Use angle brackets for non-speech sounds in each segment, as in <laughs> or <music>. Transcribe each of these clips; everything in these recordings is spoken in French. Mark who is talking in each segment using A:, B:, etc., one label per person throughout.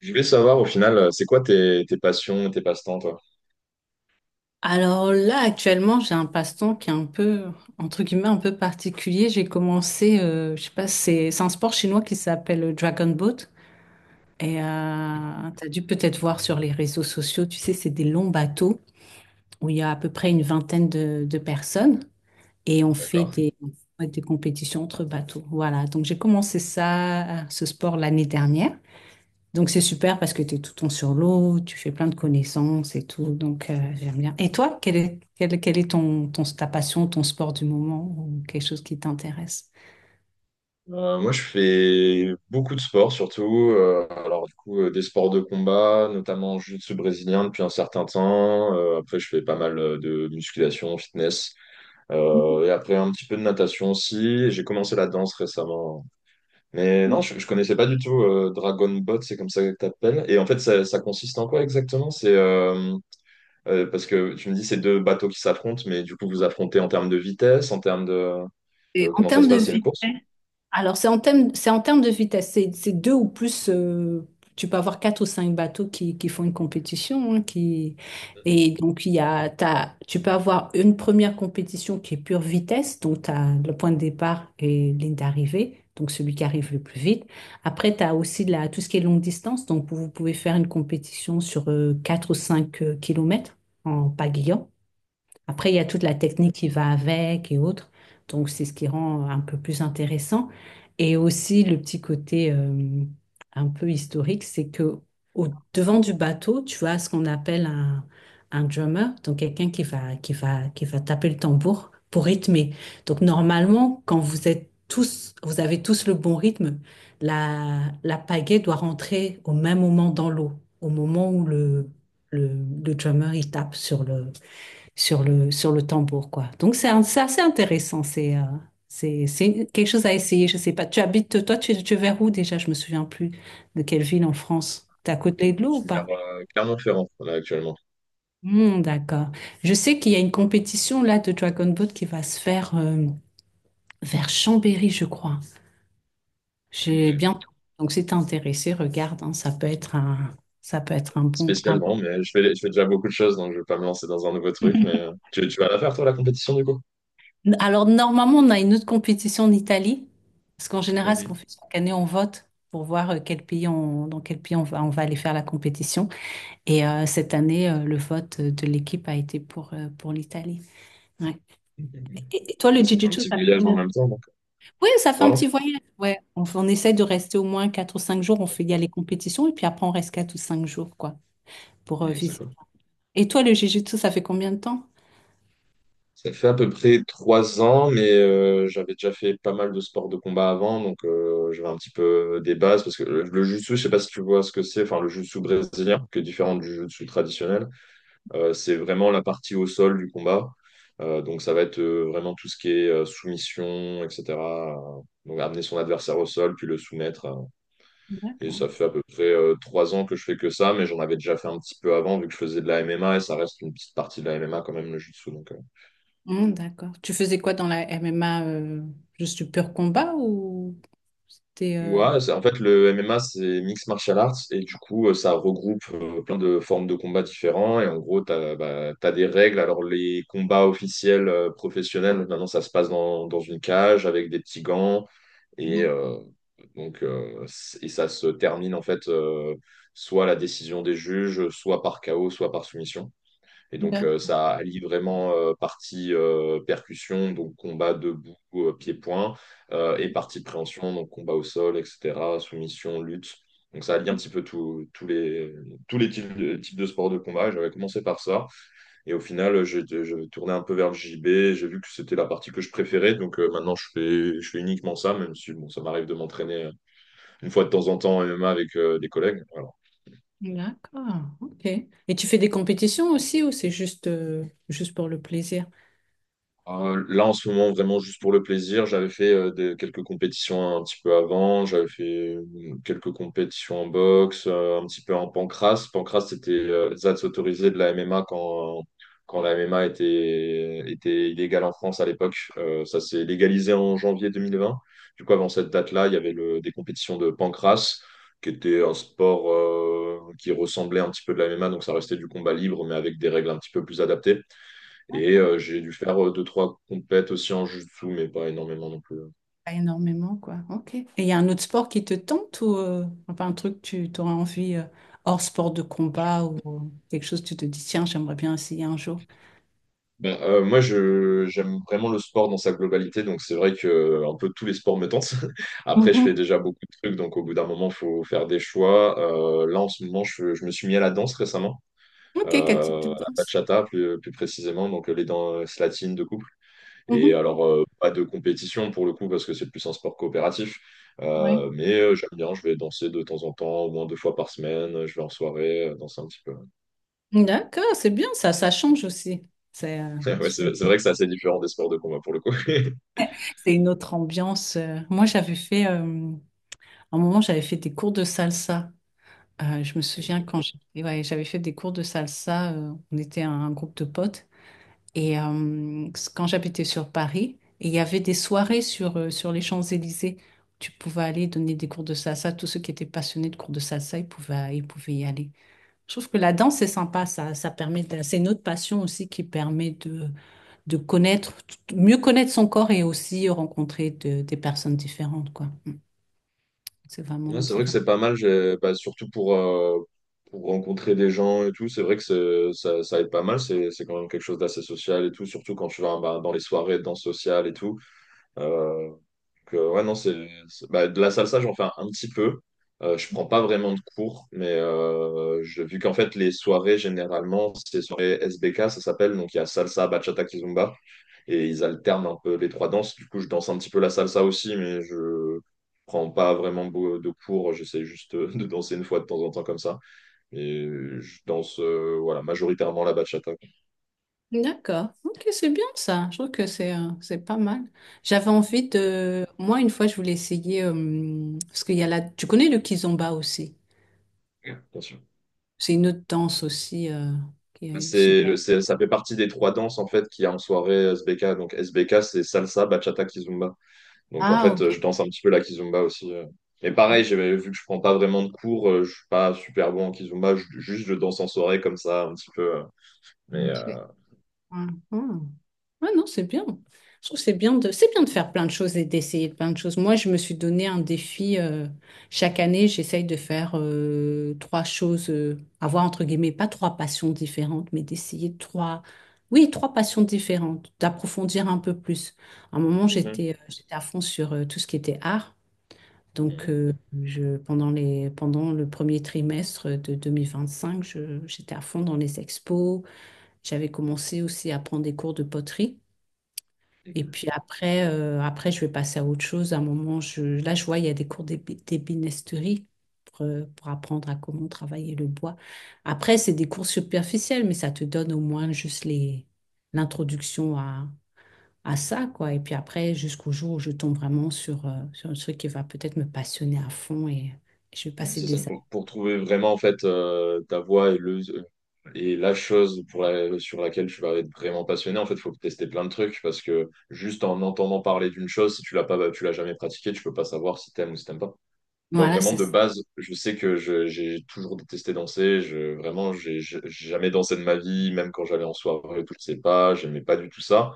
A: Je voulais savoir au final, c'est quoi tes passions, tes passe-temps, toi?
B: Alors là, actuellement, j'ai un passe-temps qui est un peu, entre guillemets, un peu particulier. J'ai commencé, je sais pas, c'est un sport chinois qui s'appelle le Dragon Boat. Et t'as dû peut-être voir sur les réseaux sociaux, tu sais, c'est des longs bateaux où il y a à peu près une vingtaine de personnes et
A: D'accord.
B: on fait des compétitions entre bateaux. Voilà, donc j'ai commencé ça, ce sport l'année dernière. Donc c'est super parce que tu es tout le temps sur l'eau, tu fais plein de connaissances et tout. Donc j'aime bien. Et toi, quel est ta passion, ton sport du moment ou quelque chose qui t'intéresse?
A: Moi, je fais beaucoup de sports, surtout, alors, du coup, des sports de combat, notamment jiu-jitsu brésilien depuis un certain temps. Après, je fais pas mal de musculation, fitness. Et après, un petit peu de natation aussi. J'ai commencé la danse récemment. Mais non, je connaissais pas du tout Dragon Bot, c'est comme ça que t'appelles. Et en fait, ça consiste en quoi exactement? C'est parce que tu me dis, c'est deux bateaux qui s'affrontent, mais du coup, vous affrontez en termes de vitesse, en termes de
B: Et en
A: comment ça se
B: termes de
A: passe, c'est une
B: vitesse.
A: course?
B: Alors, c'est en termes de vitesse. C'est deux ou plus. Tu peux avoir quatre ou cinq bateaux qui font une compétition, hein, qui... Et donc, il y a, t'as- tu peux avoir une première compétition qui est pure vitesse, donc tu as le point de départ et ligne d'arrivée, donc celui qui arrive le plus vite. Après, tu as aussi tout ce qui est longue distance, donc vous pouvez faire une compétition sur quatre ou cinq kilomètres en pagayant. Après, il y a toute la technique qui va avec et autres. Donc, c'est ce qui rend un peu plus intéressant. Et aussi, le petit côté un peu historique, c'est que au devant du bateau, tu as ce qu'on appelle un drummer, donc quelqu'un qui va taper le tambour pour rythmer. Donc, normalement, quand vous êtes tous, vous avez tous le bon rythme, la pagaie doit rentrer au même moment dans l'eau, au moment où le, le drummer il tape sur le tambour, quoi. Donc, c'est assez intéressant. C'est quelque chose à essayer. Je sais pas. Tu habites, toi, tu es vers où déjà? Je me souviens plus de quelle ville en France. T'es à côté de l'eau ou
A: C'est vers
B: pas?
A: Clermont-Ferrand, là, actuellement.
B: Hmm, d'accord. Je sais qu'il y a une compétition là de Dragon Boat qui va se faire vers Chambéry, je crois. J'ai
A: Ok.
B: bientôt. Donc, si t'es intéressé, regarde, hein, ça peut être un bon.
A: Spécialement, mais je fais déjà beaucoup de choses, donc je vais pas me lancer dans un nouveau truc, mais
B: <laughs>
A: tu vas la faire, toi, la compétition, du coup?
B: Alors, normalement, on a une autre compétition en Italie, parce qu'en général, ce qu'on
A: Mhm.
B: fait chaque année, on vote pour voir dans quel pays on va aller faire la compétition. Et cette année, le vote de l'équipe a été pour l'Italie. Ouais. Et toi, le
A: Bon, c'est un
B: Jiu-Jitsu,
A: petit
B: ça fait
A: voyage en
B: combien?
A: même temps, donc.
B: Oui, ça fait un
A: Pardon?
B: petit voyage. Ouais. On essaie de rester au moins 4 ou 5 jours. Il y a les compétitions, et puis après, on reste 4 ou 5 jours, quoi, pour
A: Mhm, c'est
B: visiter.
A: cool.
B: Et toi, le Jiu-Jitsu, ça fait combien de temps?
A: Ça fait à peu près 3 ans, mais j'avais déjà fait pas mal de sports de combat avant, donc j'avais un petit peu des bases, parce que le jiu-jitsu, je sais pas si tu vois ce que c'est, enfin le jiu-jitsu brésilien, qui est différent du jiu-jitsu traditionnel, c'est vraiment la partie au sol du combat. Donc ça va être vraiment tout ce qui est soumission, etc. Donc amener son adversaire au sol, puis le soumettre. Et
B: D'accord.
A: ça fait à peu près 3 ans que je fais que ça, mais j'en avais déjà fait un petit peu avant, vu que je faisais de la MMA, et ça reste une petite partie de la MMA quand même, le jiu-jitsu. Donc.
B: D'accord. Tu faisais quoi dans la MMA juste du pur combat ou c'était
A: Ouais, en fait, le MMA, c'est Mixed Martial Arts, et du coup, ça regroupe plein de formes de combats différents, et en gros, bah, t'as des règles. Alors, les combats officiels professionnels, maintenant, ça se passe dans, une cage avec des petits gants, et,
B: Mhm.
A: euh, donc, euh, c- et ça se termine, en fait, soit à la décision des juges, soit par KO, soit par soumission. Et donc,
B: D'accord.
A: ça allie vraiment partie percussion, donc combat debout, pied-point, et partie préhension, donc combat au sol, etc., soumission, lutte. Donc, ça allie un petit peu tous les types de sports de combat. Et j'avais commencé par ça. Et au final, j'ai je tournais un peu vers le JB. J'ai vu que c'était la partie que je préférais. Donc, maintenant, je fais uniquement ça, même si bon, ça m'arrive de m'entraîner une fois de temps en temps en MMA avec des collègues. Voilà.
B: D'accord. Ok. Et tu fais des compétitions aussi ou c'est juste pour le plaisir?
A: Là, en ce moment, vraiment juste pour le plaisir, j'avais fait quelques compétitions un petit peu avant. J'avais fait quelques compétitions en boxe, un petit peu en pancrace. Pancrace, c'était ZATS autorisé de la MMA quand la MMA était illégale en France à l'époque. Ça s'est légalisé en janvier 2020. Du coup, avant cette date-là, il y avait des compétitions de pancrace, qui était un sport qui ressemblait un petit peu de la MMA. Donc, ça restait du combat libre, mais avec des règles un petit peu plus adaptées. Et j'ai dû faire deux, trois compètes aussi en jiu-jitsu, mais pas énormément non plus.
B: Pas énormément quoi. Ok. Et il y a un autre sport qui te tente ou enfin un truc que tu aurais envie hors sport de combat ou quelque chose que tu te dis tiens j'aimerais bien essayer un jour.
A: Ben, moi, j'aime vraiment le sport dans sa globalité, donc c'est vrai que un peu tous les sports me tentent. <laughs> Après, je fais
B: Mhm.
A: déjà beaucoup de trucs, donc au bout d'un moment, faut faire des choix. Là, en ce moment, je me suis mis à la danse récemment,
B: Ok. Quel type de
A: à la
B: danse?
A: bachata plus précisément, donc les danses latines de couple. Et
B: Mhm.
A: alors, pas de compétition pour le coup, parce que c'est plus un sport coopératif.
B: Oui.
A: Mais j'aime bien, je vais danser de temps en temps, au moins deux fois par semaine. Je vais en soirée, danser un petit peu.
B: D'accord. C'est bien ça. Ça change aussi. C'est euh,
A: <laughs> Ouais,
B: c'est-
A: c'est vrai que c'est assez différent des sports de combat pour le coup. <laughs>
B: C'est une autre ambiance. Moi, à un moment, j'avais fait des cours de salsa. Je me souviens
A: Ok.
B: et ouais, j'avais fait des cours de salsa, on était un groupe de potes. Et quand j'habitais sur Paris, et il y avait des soirées sur les Champs-Élysées. Tu pouvais aller donner des cours de salsa. Tous ceux qui étaient passionnés de cours de salsa, ils pouvaient y aller. Je trouve que la danse, c'est sympa. Ça, c'est une autre passion aussi qui permet de connaître, mieux connaître son corps et aussi rencontrer des personnes différentes, quoi. C'est
A: Ouais,
B: vraiment,
A: c'est
B: c'est
A: vrai que
B: vraiment.
A: c'est pas mal, bah, surtout pour rencontrer des gens et tout. C'est vrai que ça, ça aide pas mal. C'est quand même quelque chose d'assez social et tout, surtout quand tu vas bah, dans les soirées de danse sociale et tout. Euh, Donc, ouais, non, bah, de la salsa, j'en fais un petit peu. Je prends pas vraiment de cours, mais vu qu'en fait, les soirées, généralement, c'est les soirées SBK, ça s'appelle. Donc, il y a salsa, bachata, kizomba. Et ils alternent un peu les trois danses. Du coup, je danse un petit peu la salsa aussi, mais je prends pas vraiment de cours. J'essaie juste de danser une fois de temps en temps comme ça. Et je danse, voilà, majoritairement la bachata, quoi,
B: D'accord. Ok, c'est bien ça. Je trouve que c'est pas mal. Moi une fois je voulais essayer parce qu'il y a tu connais le kizomba aussi.
A: bien sûr.
B: C'est une autre danse aussi qui est issue de-
A: Ça fait partie des trois danses en fait qu'il y a en soirée SBK. Donc SBK, c'est salsa, bachata, kizomba. Donc en fait,
B: Ah
A: je danse un petit peu la kizomba aussi. Mais pareil, vu que je prends pas vraiment de cours, je suis pas super bon en kizomba. Juste, je danse en soirée comme ça un petit peu. Mais
B: ok.
A: euh,
B: Mhm. Ouais, non, c'est bien. Je trouve que c'est bien de faire plein de choses et d'essayer plein de choses. Moi, je me suis donné un défi. Chaque année, j'essaye de faire trois choses, avoir entre guillemets, pas trois passions différentes, mais d'essayer trois, oui, trois passions différentes, d'approfondir un peu plus. À un moment,
A: Mhm.
B: j'étais à fond sur tout ce qui était art. Donc,
A: Mhm.
B: pendant pendant le premier trimestre de 2025 j'étais à fond dans les expos. J'avais commencé aussi à prendre des cours de poterie. Et puis après, je vais passer à autre chose. À un moment, là, je vois, il y a des cours d'ébénisterie pour apprendre à comment travailler le bois. Après, c'est des cours superficiels, mais ça te donne au moins juste l'introduction à ça, quoi. Et puis après, jusqu'au jour où je tombe vraiment sur un truc qui va peut-être me passionner à fond et je vais
A: Oui,
B: passer
A: c'est ça
B: des années.
A: pour, trouver vraiment en fait ta voix et la chose pour sur laquelle tu vas être vraiment passionné. En fait, il faut tester plein de trucs parce que juste en entendant parler d'une chose, si tu l'as pas, bah, tu l'as jamais pratiqué, tu peux pas savoir si t'aimes ou si t'aimes pas. Moi,
B: Voilà,
A: vraiment,
B: c'est.
A: de base, je sais que j'ai toujours détesté danser. Vraiment, j'ai jamais dansé de ma vie, même quand j'allais en soirée, et tout, je sais pas, j'aimais pas du tout ça.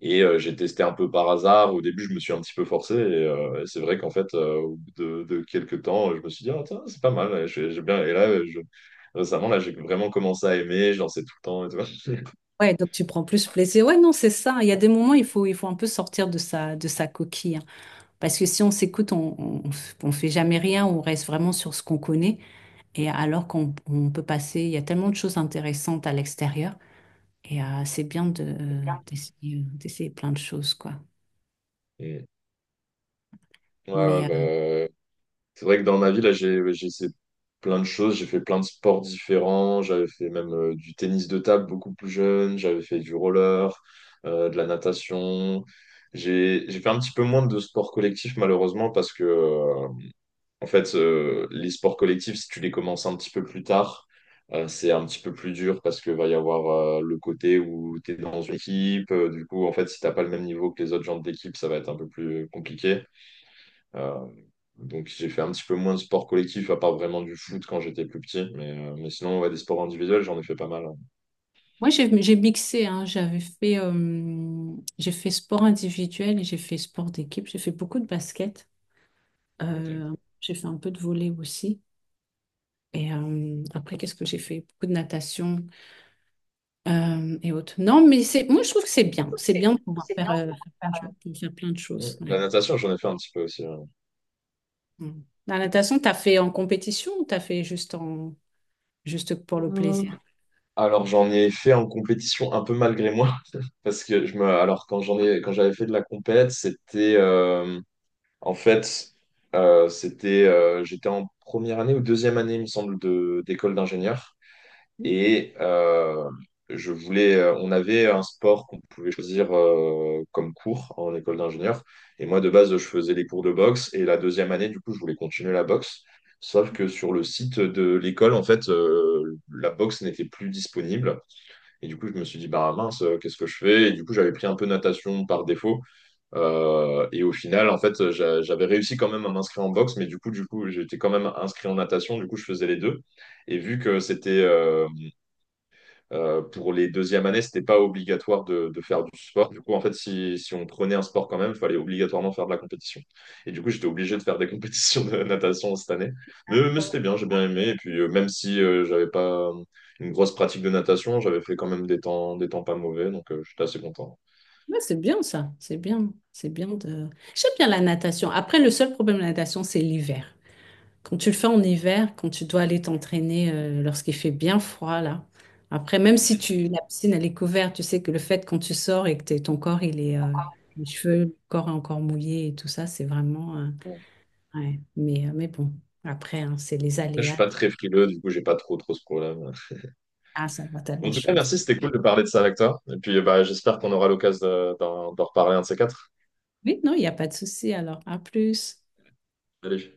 A: Et j'ai testé un peu par hasard. Au début, je me suis un petit peu forcé. Et c'est vrai qu'en fait, au bout de quelques temps, je me suis dit, ah, tiens, c'est pas mal. Et là, récemment, là, j'ai vraiment commencé à aimer. Je dansais tout le temps et tout. <laughs>
B: Ouais, donc tu prends plus plaisir. Ouais, non, c'est ça. Il y a des moments, il faut un peu sortir de sa coquille, hein. Parce que si on s'écoute, on fait jamais rien, on reste vraiment sur ce qu'on connaît. Et alors qu'on peut passer, il y a tellement de choses intéressantes à l'extérieur. Et c'est bien d'essayer plein de choses, quoi.
A: Et- Ouais,
B: Mais
A: ouais, bah, c'est vrai que dans ma vie, là, j'ai essayé plein de choses. J'ai fait plein de sports différents. J'avais fait même du tennis de table beaucoup plus jeune. J'avais fait du roller, de la natation. J'ai fait un petit peu moins de sports collectifs, malheureusement, parce que, en fait, les sports collectifs, si tu les commences un petit peu plus tard, c'est un petit peu plus dur parce que va y avoir le côté où tu es dans une équipe. Du coup, en fait, si t'as pas le même niveau que les autres gens de l'équipe, ça va être un peu plus compliqué. Euh, donc j'ai fait un petit peu moins de sport collectif, à part vraiment du foot quand j'étais plus petit. Mais sinon, ouais, des sports individuels, j'en ai fait pas mal. Hein.
B: moi, j'ai mixé, hein. J'ai fait sport individuel et j'ai fait sport d'équipe. J'ai fait beaucoup de basket.
A: Ok.
B: Euh, j'ai fait un peu de volley aussi. Et après, qu'est-ce que j'ai fait? Beaucoup de natation et autres. Non, mais c'est moi, je trouve que c'est bien. C'est
A: C'est
B: bien de pouvoir
A: c'est bien.
B: faire plein de choses. De faire plein de choses,
A: La
B: ouais.
A: natation, j'en ai fait un petit peu aussi. Hein.
B: Mm. La natation, t'as fait en compétition ou t'as fait juste pour le
A: Mm.
B: plaisir?
A: Alors j'en ai fait en compétition un peu malgré moi <laughs> parce que je me alors quand j'avais fait de la compète c'était en fait c'était j'étais en première année ou deuxième année il me semble de d'école d'ingénieur. Et, on avait un sport qu'on pouvait choisir comme cours en école d'ingénieur. Et moi, de base, je faisais les cours de boxe. Et la deuxième année, du coup, je voulais continuer la boxe. Sauf que sur le site de l'école, en fait, la boxe n'était plus disponible. Et du coup, je me suis dit, bah mince, qu'est-ce que je fais? Et du coup, j'avais pris un peu natation par défaut. Et au final, en fait, j'avais réussi quand même à m'inscrire en boxe, mais du coup, j'étais quand même inscrit en natation. Du coup, je faisais les deux. Et vu que c'était, pour les deuxièmes années, c'était pas obligatoire de faire du sport. Du coup, en fait, si on prenait un sport quand même, il fallait obligatoirement faire de la compétition. Et du coup, j'étais obligé de faire des <laughs> compétitions de natation cette année. Mais c'était bien, j'ai bien aimé. Et puis, même si j'avais pas une grosse pratique de natation, j'avais fait quand même des temps, pas mauvais. Donc, j'étais assez content.
B: Ouais, c'est bien ça, c'est bien de... J'aime bien la natation. Après, le seul problème de la natation, c'est l'hiver. Quand tu le fais en hiver, quand tu dois aller t'entraîner lorsqu'il fait bien froid, là. Après, même si la piscine, elle est couverte, tu sais que le fait quand tu sors et que ton corps, il est... les cheveux, le corps est encore mouillé et tout ça, c'est vraiment... ouais. Mais bon, après, hein, c'est les
A: Et après, je suis
B: aléas.
A: pas très frileux, du coup, j'ai pas trop, trop ce problème.
B: Ah, ça va, t'as de
A: En
B: la
A: tout cas,
B: chance.
A: merci, c'était cool de parler de ça avec toi. Et puis, bah, j'espère qu'on aura l'occasion d'en reparler un de ces quatre.
B: Oui, non, il n'y a pas de souci, alors. À plus.
A: Allez.